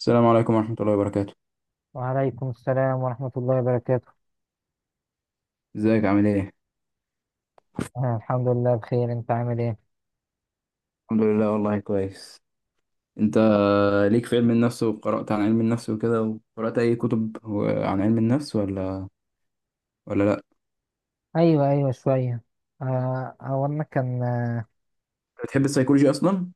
السلام عليكم ورحمة الله وبركاته. وعليكم السلام ورحمة الله وبركاته. ازيك عامل ايه؟ آه، الحمد لله بخير. انت عامل ايه؟ الحمد لله والله كويس. انت ليك في علم النفس وقرأت عن علم النفس وكده، وقرأت اي كتب عن علم النفس ولا لا؟ ايوه ايوه شوية. هو انا كان بتحب السيكولوجي اصلا؟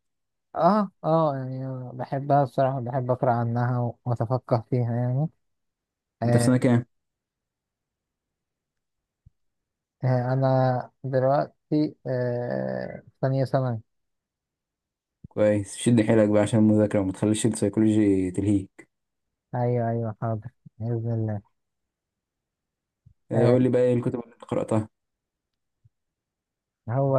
اه آه، يعني بحبها بصراحة. بحب اقرا عنها واتفقه فيها يعني. انت في سنة آه. كام؟ انا دلوقتي في ثانية ثانوي. كويس، شد حيلك بقى عشان المذاكرة وما تخليش السيكولوجي تلهيك. ايوه ايوه حاضر. بإذن الله. اه، آه. قول لي بقى ايه الكتب اللي انت قرأتها؟ هو.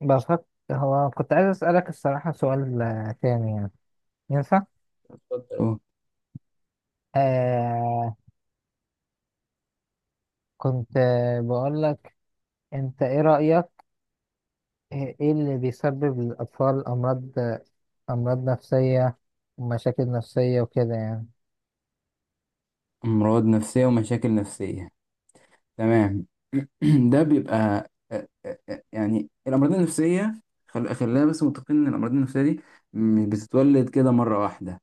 بفكر. هو كنت عايز اسألك الصراحة سؤال تاني يعني. ينفع؟ اتفضل. اه، آه. كنت بقول لك. انت ايه رأيك؟ إيه اللي بيسبب للأطفال أمراض نفسية ومشاكل نفسية وكده يعني. امراض نفسية ومشاكل نفسية، تمام. ده بيبقى يعني الأمراض النفسية، خلينا بس متفقين إن الأمراض النفسية دي مش بتتولد كده مرة واحدة.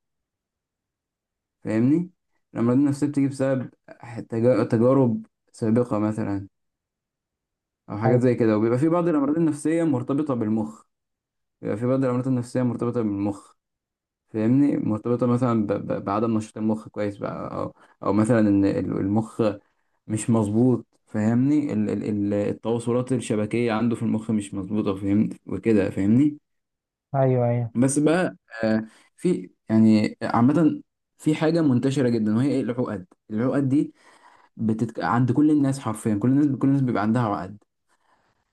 فاهمني؟ الأمراض النفسية بتيجي بسبب تجارب سابقة مثلا، أو حاجات أيوه زي كده، وبيبقى في بعض الأمراض النفسية مرتبطة بالمخ. بيبقى في بعض الأمراض النفسية مرتبطة بالمخ فاهمني؟ مرتبطة مثلا بعدم نشاط المخ كويس بقى، أو أو مثلا إن المخ مش مظبوط. فاهمني؟ التواصلات الشبكية عنده في المخ مش مظبوطة، فهمت وكده، فاهمني. أيوه أيوه بس بقى آه في يعني عامة، في حاجة منتشرة جدا، وهي ايه؟ العقد. العقد دي عند كل الناس، حرفيا كل الناس، كل الناس بيبقى عندها عقد.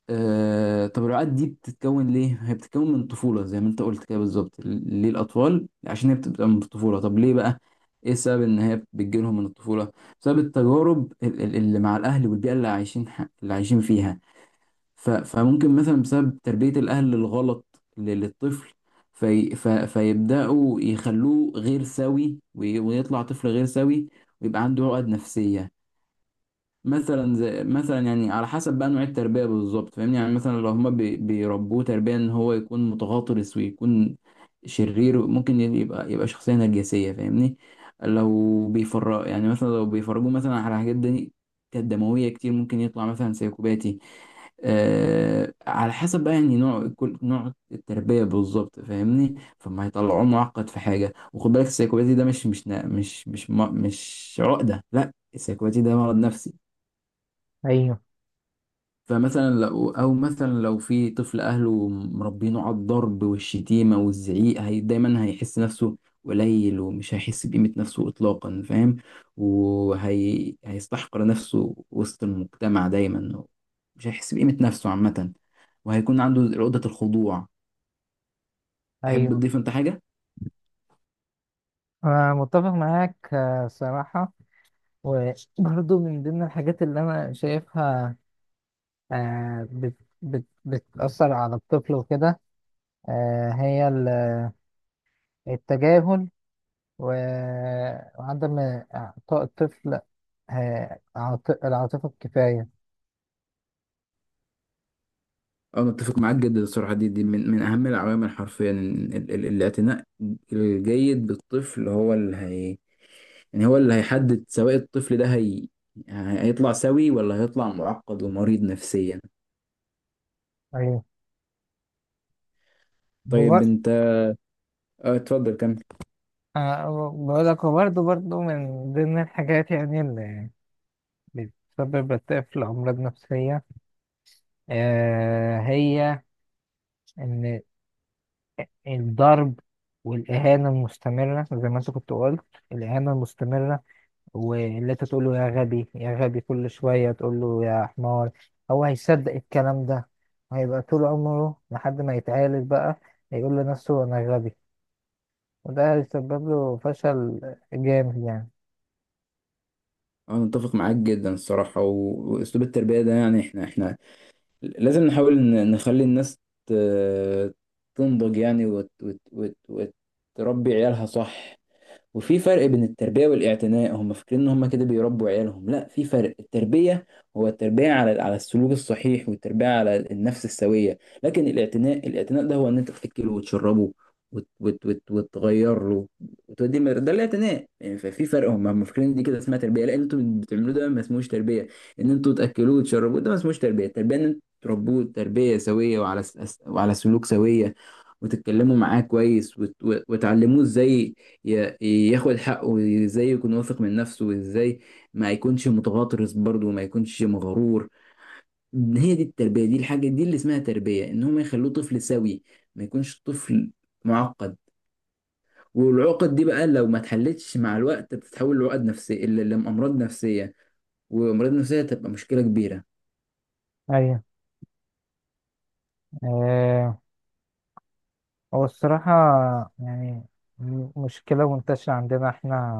طب العقد دي بتتكون ليه؟ هي بتتكون من الطفولة زي ما انت قلت كده بالظبط. ليه الأطفال؟ عشان هي بتبقى من الطفولة. طب ليه بقى؟ ايه السبب ان هي بتجيلهم من الطفولة؟ بسبب التجارب اللي مع الأهل والبيئة اللي عايشين اللي عايشين فيها. فممكن مثلا بسبب تربية الأهل الغلط للطفل، فيبدأوا يخلوه غير سوي ويطلع طفل غير سوي، ويبقى عنده عقد نفسية. مثلا زي مثلا، يعني على حسب بقى نوع التربيه بالظبط، فاهمني؟ يعني مثلا لو هما بيربوه تربيه ان هو يكون متغطرس ويكون شرير، ممكن يبقى شخصيه نرجسيه، فاهمني. لو بيفرق يعني، مثلا لو بيفرجوه مثلا على حاجات دي كانت دمويه كتير، ممكن يطلع مثلا سيكوباتي. آه على حسب بقى يعني نوع، كل نوع التربيه بالظبط، فاهمني، فما هيطلعوه معقد في حاجه. وخد بالك، السيكوباتي ده مش مش نا- مش مش مش, مش عقده، لا السيكوباتي ده مرض نفسي. أيوه فمثلا لو او مثلا لو في طفل اهله مربينه على الضرب والشتيمه والزعيق، هي دايما هيحس نفسه قليل، ومش هيحس بقيمه نفسه اطلاقا، فاهم؟ وهي هيستحقر نفسه وسط المجتمع دايما، مش هيحس بقيمه نفسه عامه، وهيكون عنده عقده الخضوع. تحب أيوه. تضيف انت حاجه؟ أنا متفق معاك صراحة. وبرضه من ضمن الحاجات اللي أنا شايفها بت بت بتأثر على الطفل وكده. هي التجاهل و- وعدم إعطاء الطفل العاطفة الكفاية. انا اتفق معاك جدا الصراحه. دي من اهم العوامل حرفيا، الاعتناء الجيد بالطفل هو اللي هي يعني هو اللي هيحدد سواء الطفل ده هيطلع سوي ولا هيطلع معقد ومريض نفسيا. طيب أيوه. انت، اه اتفضل كمل. بقول لك هو برضه من ضمن الحاجات يعني اللي بتسبب الطفل أمراض نفسية. هي إن الضرب والإهانة المستمرة زي ما أنت كنت قلت. الإهانة المستمرة، واللي أنت تقول له يا غبي يا غبي كل شوية تقول له يا حمار هو هيصدق الكلام ده. هيبقى طول عمره لحد ما يتعالج بقى هيقول لنفسه أنا غبي. وده هيسبب له فشل جامد يعني. انا متفق معاك جدا الصراحة، واسلوب التربية ده يعني، احنا لازم نحاول نخلي الناس ت... تنضج يعني، وتربي عيالها صح. وفي فرق بين التربية والاعتناء، هم فاكرين ان هم كده بيربوا عيالهم، لا في فرق. التربية هو التربية على على السلوك الصحيح والتربية على النفس السوية. لكن الاعتناء، الاعتناء ده هو ان انت تأكله وتشربه وتغير له ده الاعتناء يعني. ففي فرق، هم فاكرين دي كده اسمها تربية، لا اللي انتوا بتعملوه ده ما اسموش تربية. ان انتوا تأكلوه وتشربوه ده ما اسموش تربية. التربية ان انتوا تربوه تربية سوية، وعلى وعلى سلوك سوية، وتتكلموا معاه كويس وتعلموه ازاي ي- ياخد حقه، وازاي يكون واثق من نفسه، وازاي ما يكونش متغطرس برضه، وما يكونش مغرور. هي دي التربية، دي الحاجة دي اللي اسمها تربية، ان هم يخلوه طفل سوي، ما يكونش طفل معقد. والعقد دي بقى لو ما اتحلتش مع الوقت بتتحول لعقد نفسية، لأمراض نفسية، وأمراض نفسية تبقى مشكلة كبيرة. أيوه. هو الصراحة يعني مشكلة منتشرة عندنا احنا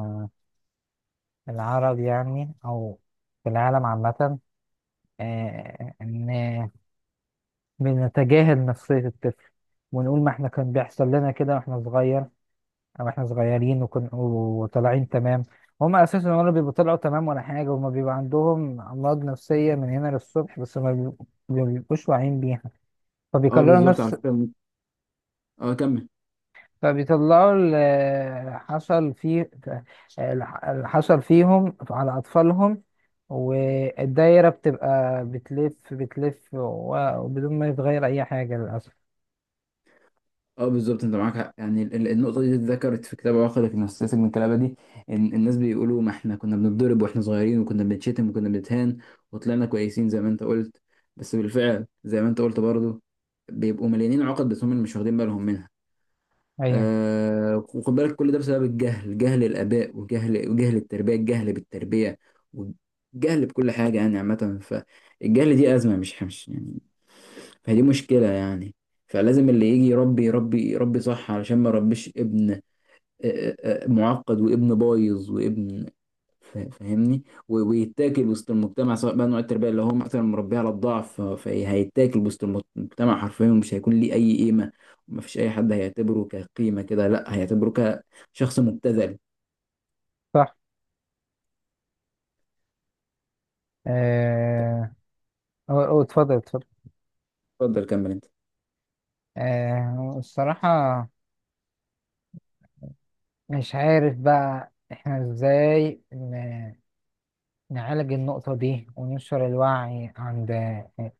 العرب يعني أو في العالم عامة. إن بنتجاهل نفسية الطفل. ونقول ما احنا كان بيحصل لنا كده واحنا صغير أو احنا صغيرين وطالعين تمام. هما أساسا ولا بيبقوا طلعوا تمام ولا حاجة. هما بيبقى عندهم أمراض نفسية من هنا للصبح بس ما بيبقوش واعيين بيها. اه فبيكرروا بالظبط، على نفس. فكرة. اه كمل. فبيطلعوا اللي حصل فيهم على أطفالهم. والدايرة بتبقى بتلف بتلف وبدون ما يتغير أي حاجة للأسف. اه بالظبط، انت معاك حق، يعني النقطه دي اتذكرت في كتاب عقدك من السياسه من الكلابه دي، ان الناس بيقولوا ما احنا كنا بنتضرب واحنا صغيرين، وكنا بنتشتم، وكنا بنتهان، وطلعنا كويسين زي ما انت قلت. بس بالفعل زي ما انت قلت برضه، بيبقوا مليانين عقد، بس هم اللي مش واخدين بالهم منها. أيوة. آه وخد بالك، كل ده بسبب الجهل، جهل الآباء وجهل التربية، الجهل بالتربية والجهل بكل حاجة يعني عامة. فالجهل دي أزمة، مش يعني، فدي مشكلة يعني. فلازم اللي يجي يربي يربي يربي صح، علشان ما يربيش ابن آه، معقد، وابن بايظ، وابن فاهمني، ويتاكل وسط المجتمع، سواء بقى نوع التربية اللي هو مثلا مربيه على الضعف، فهيتاكل وسط المجتمع حرفيا، ومش هيكون ليه أي قيمة، ومفيش أي حد هيعتبره كقيمة كده، لا هيعتبره كشخص مبتذل. صح. آه، أو اتفضل اتفضل. اتفضل كمل انت. الصراحة مش عارف بقى احنا ازاي نعالج النقطة دي وننشر الوعي عند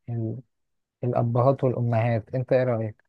ال- الأبهات والأمهات. انت ايه رأيك؟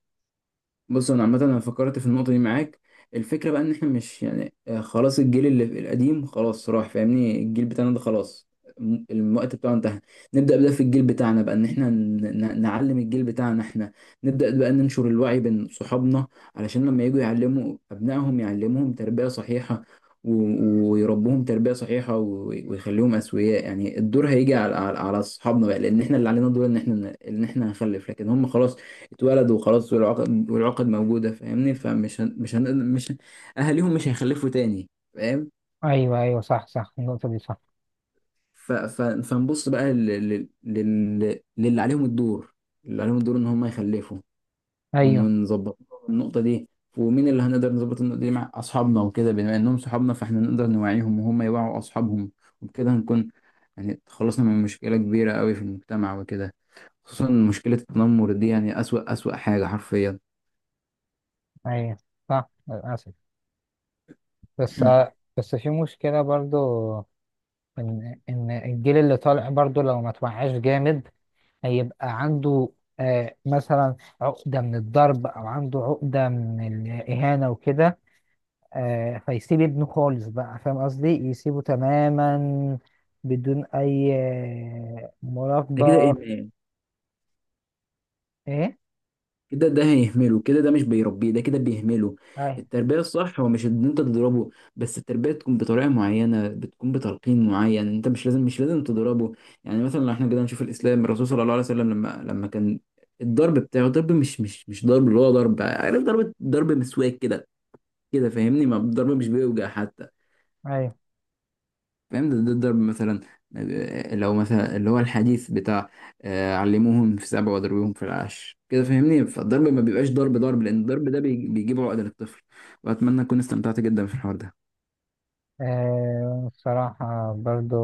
بص انا عامه، انا فكرت في النقطه دي معاك. الفكره بقى ان احنا مش يعني خلاص الجيل اللي القديم خلاص راح، فاهمني. الجيل بتاعنا ده خلاص، الوقت بتاعه انتهى. نبدا بقى في الجيل بتاعنا بقى، ان احنا نعلم الجيل بتاعنا. احنا نبدا بقى ننشر الوعي بين صحابنا، علشان لما يجوا يعلموا ابنائهم يعلموهم تربيه صحيحه، ويربوهم تربيه صحيحه، ويخليهم اسوياء. يعني الدور هيجي على على اصحابنا بقى، لان احنا اللي علينا الدور ان احنا ان احنا نخلف، لكن هم خلاص اتولد وخلاص، والعقد موجودة، فاهمني. فمش هن... مش هن... مش هن... أهاليهم مش هيخلفوا تاني، فاهم. ايوه ايوه صح صح. النقطة دي صح. فنبص بقى للي عليهم الدور، اللي عليهم الدور إن هم يخلفوا. ايوه ونظبط النقطة دي. ومين اللي هنقدر نظبط النقطة دي مع أصحابنا وكده، بما إنهم صحابنا فإحنا نقدر نوعيهم، وهم يوعوا أصحابهم، وبكده هنكون يعني تخلصنا من مشكلة كبيرة قوي في المجتمع وكده، خصوصا مشكلة التنمر دي، يعني أسوأ حاجة حرفيا. ايوه صح للاسف. بس. بس في مشكله برضو. ان الجيل اللي طالع برضو لو ما توعاش جامد هيبقى عنده مثلا عقده من الضرب او عنده عقده من الاهانه وكده. فيسيب ابنه خالص بقى. فاهم قصدي يسيبه تماما بدون اي ده كده مراقبه. إيه؟ ايه. كده ده هيهمله، كده ده مش بيربيه، ده كده بيهمله. ايوه التربية الصح هو مش ان انت تضربه بس، التربية تكون بطريقة معينة، بتكون بتلقين معين، انت مش لازم تضربه. يعني مثلا لو احنا كده نشوف الاسلام، الرسول صلى الله عليه وسلم لما كان الضرب بتاعه ضرب مش ضرب اللي هو ضرب، عارف، ضرب مسواك كده كده، فاهمني، ما الضرب مش بيوجع حتى، ايوه. فاهم. ده الضرب مثلا. لو مثلا اللي هو الحديث بتاع علموهم في 7 وضربوهم في 10 كده، فاهمني، فالضرب ما بيبقاش ضرب ضرب، لان الضرب ده بيجيب عقدة للطفل. واتمنى اكون استمتعت جدا في الحوار ده. ان بصراحه برضو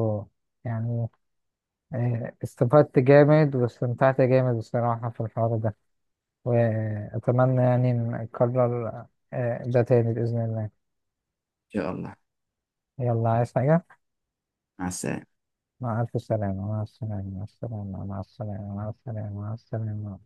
يعني. استفدت جامد واستمتعت جامد بصراحة في الحوار ده. وأتمنى يعني نكرر ده تاني بإذن الله. شاء الله. يلا عايز حاجة؟ مع السلامة. مع ألف سلامة. مع السلامة. مع السلامة. مع السلامة. مع السلامة. مع السلامة.